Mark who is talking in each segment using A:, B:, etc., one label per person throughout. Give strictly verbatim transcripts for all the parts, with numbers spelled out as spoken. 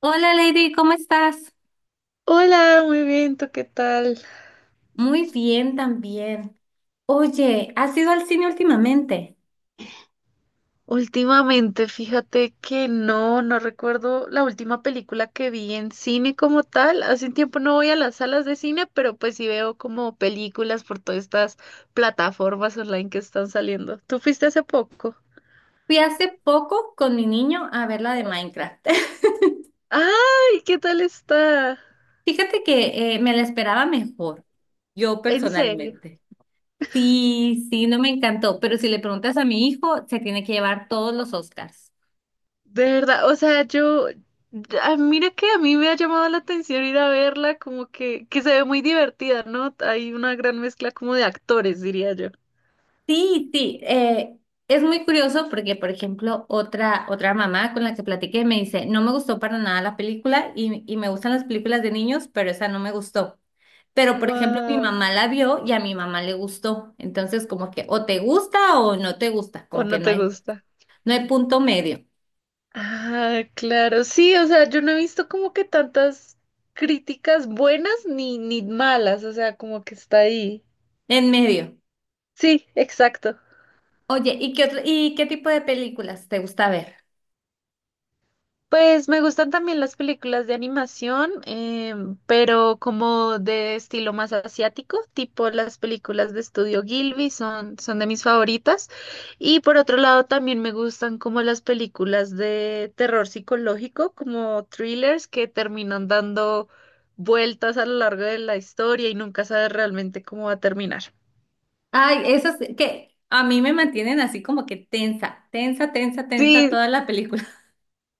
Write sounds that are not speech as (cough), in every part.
A: Hola Lady, ¿cómo estás?
B: Hola, muy bien, ¿tú qué tal?
A: Muy bien también. Oye, ¿has ido al cine últimamente?
B: Últimamente, fíjate que no, no recuerdo la última película que vi en cine como tal. Hace un tiempo no voy a las salas de cine, pero pues sí veo como películas por todas estas plataformas online que están saliendo. ¿Tú fuiste hace poco?
A: Fui hace poco con mi niño a ver la de Minecraft.
B: ¡Ay! ¿Qué tal está?
A: (laughs) Fíjate que eh, me la esperaba mejor, yo
B: En serio.
A: personalmente. Sí, sí, no me encantó, pero si le preguntas a mi hijo, se tiene que llevar todos los Oscars.
B: De verdad, o sea, yo, ah, mira que a mí me ha llamado la atención ir a verla, como que, que se ve muy divertida, ¿no? Hay una gran mezcla como de actores, diría yo.
A: Sí, sí, eh, es muy curioso porque, por ejemplo, otra, otra mamá con la que platiqué me dice, no me gustó para nada la película y, y me gustan las películas de niños, pero esa no me gustó. Pero, por ejemplo, mi
B: Wow,
A: mamá la vio y a mi mamá le gustó. Entonces, como que o te gusta o no te gusta,
B: o
A: como que
B: no
A: no
B: te
A: hay,
B: gusta.
A: no hay punto medio,
B: Ah, claro, sí, o sea, yo no he visto como que tantas críticas buenas ni, ni malas, o sea, como que está ahí.
A: en medio.
B: Sí, exacto.
A: Oye, ¿y qué otro- y qué tipo de películas te gusta ver?
B: Pues me gustan también las películas de animación, em, pero como de estilo más asiático, tipo las películas de Estudio Ghibli son, son de mis favoritas. Y por otro lado también me gustan como las películas de terror psicológico, como thrillers que terminan dando vueltas a lo largo de la historia y nunca sabes realmente cómo va a terminar.
A: Ay, esas que a mí me mantienen así como que tensa, tensa, tensa, tensa
B: Sí,
A: toda la película.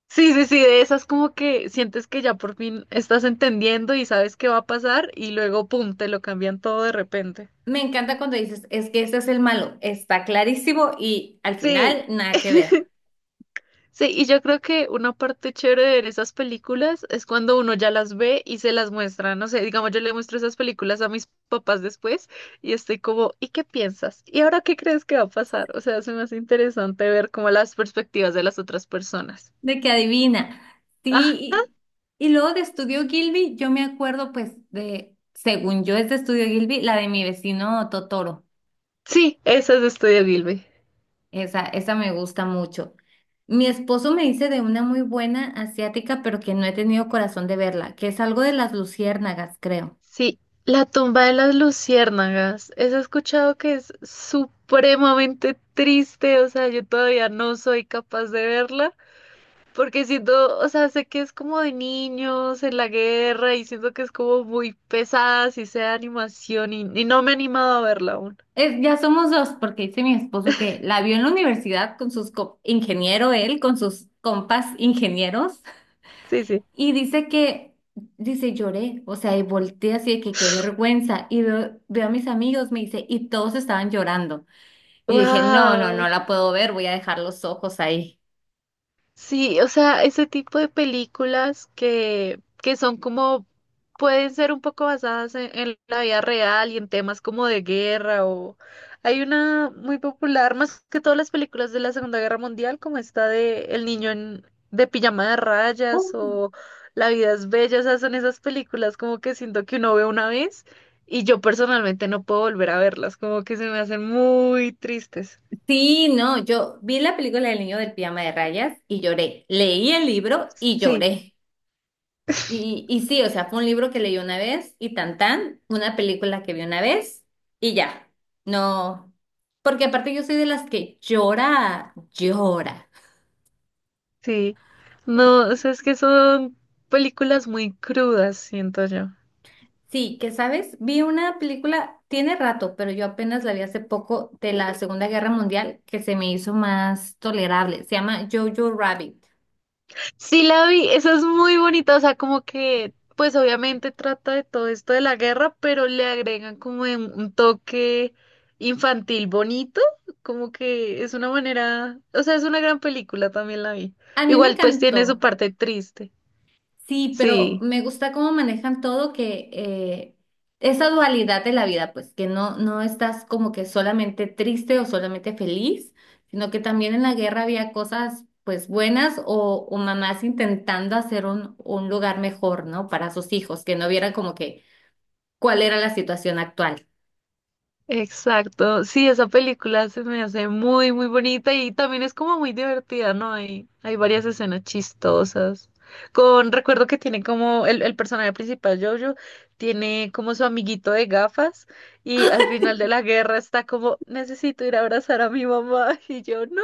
B: sí, sí, sí, de esas como que sientes que ya por fin estás entendiendo y sabes qué va a pasar y luego, ¡pum!, te lo cambian todo de repente.
A: Me encanta cuando dices, es que ese es el malo, está clarísimo y al
B: Sí,
A: final nada que ver,
B: sí, y yo creo que una parte chévere de ver esas películas es cuando uno ya las ve y se las muestra, no sé, digamos, yo le muestro esas películas a mis papás después y estoy como, ¿y qué piensas? ¿Y ahora qué crees que va a pasar? O sea, se me hace interesante ver como las perspectivas de las otras personas.
A: de que adivina.
B: Ah,
A: Sí, y, y luego de Estudio Gilby, yo me acuerdo pues de, según yo es de Estudio Gilby, la de mi vecino Totoro,
B: sí, esas es de Estudio Gilby.
A: esa, esa me gusta mucho. Mi esposo me dice de una muy buena asiática, pero que no he tenido corazón de verla, que es algo de las luciérnagas, creo.
B: Sí, la tumba de las luciérnagas. Eso he escuchado que es supremamente triste, o sea, yo todavía no soy capaz de verla, porque siento, o sea, sé que es como de niños en la guerra y siento que es como muy pesada, si sea de animación, y, y no me he animado a verla aún.
A: Es, ya somos dos, porque dice mi esposo que la vio en la universidad con sus co- ingeniero él, con sus compas ingenieros,
B: Sí, sí.
A: y dice que, dice, lloré, o sea, y volteé así de que qué
B: (gasps)
A: vergüenza, y veo, veo a mis amigos, me dice, y todos estaban llorando, y dije, no, no, no
B: ¡Wow!
A: la puedo ver, voy a dejar los ojos ahí.
B: Sí, o sea, ese tipo de películas que, que son como, pueden ser un poco basadas en, en la vida real y en temas como de guerra o... Hay una muy popular, más que todas las películas de la Segunda Guerra Mundial, como esta de El niño en- de pijama de rayas o La vida es bella, o sea, son esas películas como que siento que uno ve una vez y yo personalmente no puedo volver a verlas, como que se me hacen muy tristes.
A: Sí, no, yo vi la película del niño del pijama de rayas y lloré, leí el libro y lloré. Y, y sí, o sea, fue un libro que leí una vez y tan tan, una película que vi una vez y ya. No, porque aparte yo soy de las que llora, llora.
B: Sí, no, o sea, es que son películas muy crudas, siento yo.
A: Sí, que sabes, vi una película, tiene rato, pero yo apenas la vi hace poco de la Segunda Guerra Mundial que se me hizo más tolerable. Se llama Jojo Rabbit.
B: Sí, la vi, esa es muy bonita, o sea, como que, pues obviamente trata de todo esto de la guerra, pero le agregan como de un toque infantil bonito, como que es una manera, o sea, es una gran película, también la vi.
A: A mí me
B: Igual pues tiene su
A: encantó.
B: parte triste,
A: Sí, pero
B: sí.
A: me gusta cómo manejan todo que eh, esa dualidad de la vida, pues que no, no estás como que solamente triste o solamente feliz, sino que también en la guerra había cosas pues buenas o, o mamás intentando hacer un, un lugar mejor, ¿no? Para sus hijos, que no vieran como que cuál era la situación actual.
B: Exacto, sí, esa película se me hace muy, muy bonita y también es como muy divertida, ¿no? Hay, hay varias escenas chistosas. Con, recuerdo que tiene como el, el personaje principal, Jojo, tiene como su amiguito de gafas y al final de la guerra está como, necesito ir a abrazar a mi mamá (laughs) y yo, no,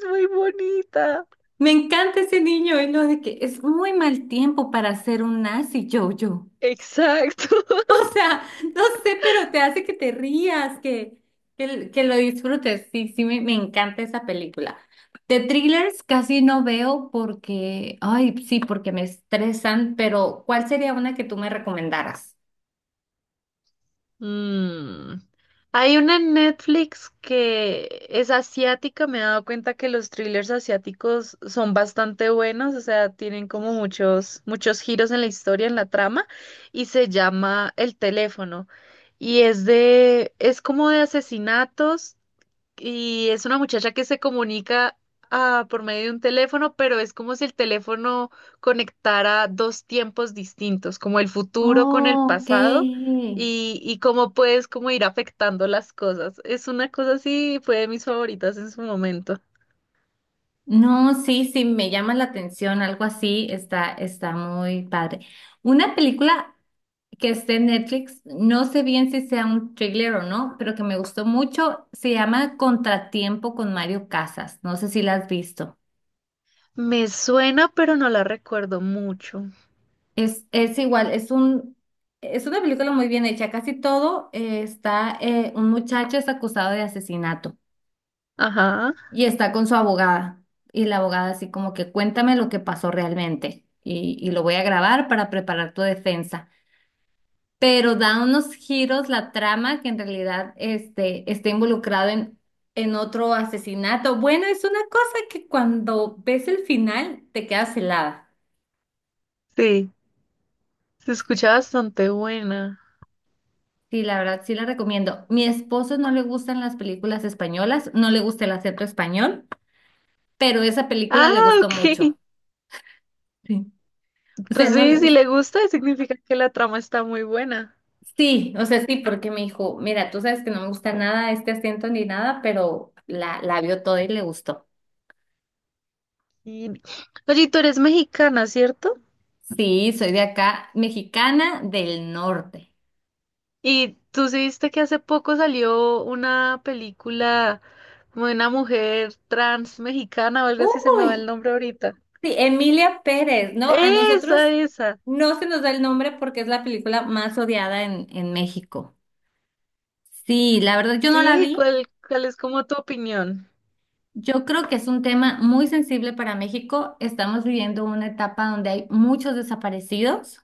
B: es muy bonita.
A: Me encanta ese niño y lo de que es muy mal tiempo para ser un nazi, Jojo.
B: Exacto.
A: (laughs)
B: (laughs)
A: O sea, no sé, pero te hace que te rías, que, que, que lo disfrutes. Sí, sí, me, me encanta esa película. De thrillers casi no veo porque, ay, sí, porque me estresan, pero ¿cuál sería una que tú me recomendaras?
B: Mm. Hay una en Netflix que es asiática. Me he dado cuenta que los thrillers asiáticos son bastante buenos, o sea, tienen como muchos, muchos giros en la historia, en la trama, y se llama El teléfono. Y es de, es como de asesinatos y es una muchacha que se comunica ah, por medio de un teléfono, pero es como si el teléfono conectara dos tiempos distintos, como el futuro con el
A: Oh, ok.
B: pasado y, y cómo puedes como ir afectando las cosas. Es una cosa así, fue de mis favoritas en su momento.
A: No, sí, sí, me llama la atención, algo así, está, está muy padre. Una película que esté en Netflix, no sé bien si sea un thriller o no, pero que me gustó mucho, se llama Contratiempo con Mario Casas, no sé si la has visto.
B: Me suena, pero no la recuerdo mucho.
A: Es, es igual, es un, es una película muy bien hecha, casi todo eh, está, eh, un muchacho es acusado de asesinato.
B: Ajá,
A: Y está con su abogada. Y la abogada así como que cuéntame lo que pasó realmente. Y, y lo voy a grabar para preparar tu defensa. Pero da unos giros la trama que en realidad este, está involucrado en, en otro asesinato. Bueno, es una cosa que cuando ves el final te quedas helada.
B: sí, se escucha bastante buena.
A: Sí, la verdad, sí la recomiendo. Mi esposo no le gustan las películas españolas, no le gusta el acento español, pero esa película le
B: Ah,
A: gustó
B: ok.
A: mucho. Sí. O sea,
B: Pues
A: no
B: sí,
A: le
B: si le
A: gusta.
B: gusta, significa que la trama está muy buena.
A: Sí, o sea, sí, porque me dijo, mira, tú sabes que no me gusta nada este acento ni nada, pero la, la vio toda y le gustó.
B: Y... Oye, tú eres mexicana, ¿cierto?
A: Sí, soy de acá, mexicana del norte.
B: Y tú sí viste que hace poco salió una película como de una mujer trans mexicana o algo así, se me va el
A: Uy,
B: nombre ahorita.
A: sí, Emilia Pérez, ¿no? A
B: Esa,
A: nosotros
B: esa.
A: no se nos da el nombre porque es la película más odiada en, en México. Sí, la verdad yo no la
B: Sí,
A: vi.
B: ¿cuál, cuál es como tu opinión?
A: Yo creo que es un tema muy sensible para México. Estamos viviendo una etapa donde hay muchos desaparecidos.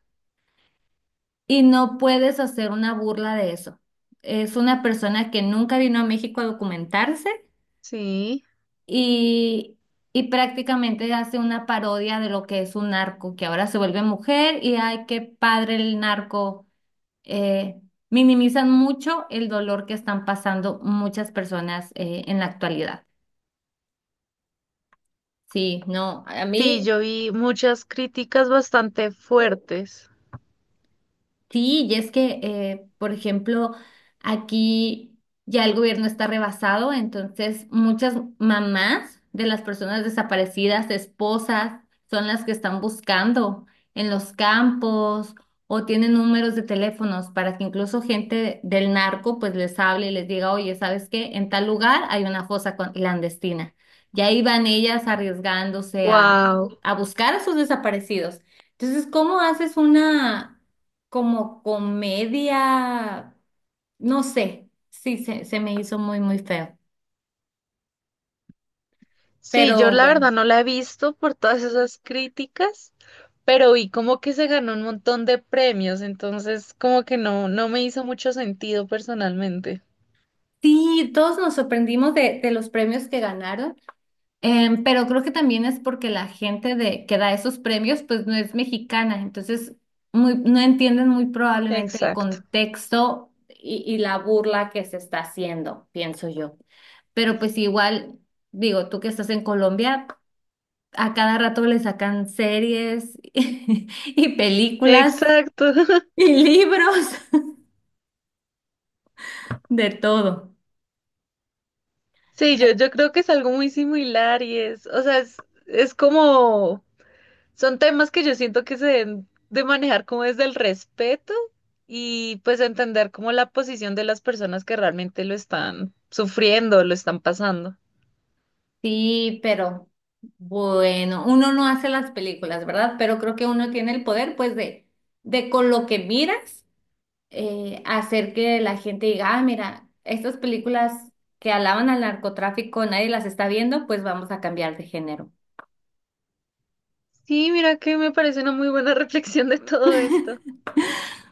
A: Y no puedes hacer una burla de eso. Es una persona que nunca vino a México a documentarse
B: Sí,
A: y, y prácticamente hace una parodia de lo que es un narco, que ahora se vuelve mujer y ay, qué padre el narco. Eh, Minimizan mucho el dolor que están pasando muchas personas eh, en la actualidad. Sí, no, a
B: sí,
A: mí.
B: yo vi muchas críticas bastante fuertes.
A: Sí, y es que, eh, por ejemplo, aquí ya el gobierno está rebasado, entonces muchas mamás de las personas desaparecidas, esposas, son las que están buscando en los campos o tienen números de teléfonos para que incluso gente del narco pues les hable y les diga, oye, ¿sabes qué? En tal lugar hay una fosa con- clandestina. Y ahí van ellas arriesgándose a,
B: Wow.
A: a buscar a sus desaparecidos. Entonces, ¿cómo haces una como comedia, no sé, sí, se, se me hizo muy, muy feo.
B: Sí, yo
A: Pero
B: la
A: bueno,
B: verdad no la he visto por todas esas críticas, pero vi como que se ganó un montón de premios, entonces como que no, no me hizo mucho sentido personalmente.
A: sí, todos nos sorprendimos de, de los premios que ganaron, em, pero creo que también es porque la gente de, que da esos premios pues no es mexicana, entonces muy, no entienden muy probablemente el
B: Exacto.
A: contexto y, y la burla que se está haciendo, pienso yo. Pero pues igual, digo, tú que estás en Colombia. A cada rato le sacan series (laughs) y películas
B: Exacto. (laughs)
A: y libros, (laughs) de todo.
B: Sí, yo,
A: Me-
B: yo creo que es algo muy similar y es, o sea, es, es como, son temas que yo siento que se deben de manejar como desde el respeto y pues entender como la posición de las personas que realmente lo están sufriendo, lo están pasando.
A: sí, pero bueno, uno no hace las películas, ¿verdad? Pero creo que uno tiene el poder, pues, de, de con lo que miras, eh, hacer que la gente diga, ah, mira, estas películas que alaban al narcotráfico, nadie las está viendo, pues vamos a cambiar de género.
B: Sí, mira que me parece una muy buena (laughs) reflexión de todo esto.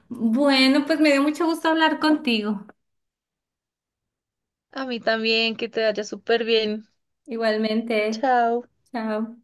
A: Bueno, pues me dio mucho gusto hablar contigo.
B: A mí también, que te vaya súper bien.
A: Igualmente,
B: Chao.
A: chao.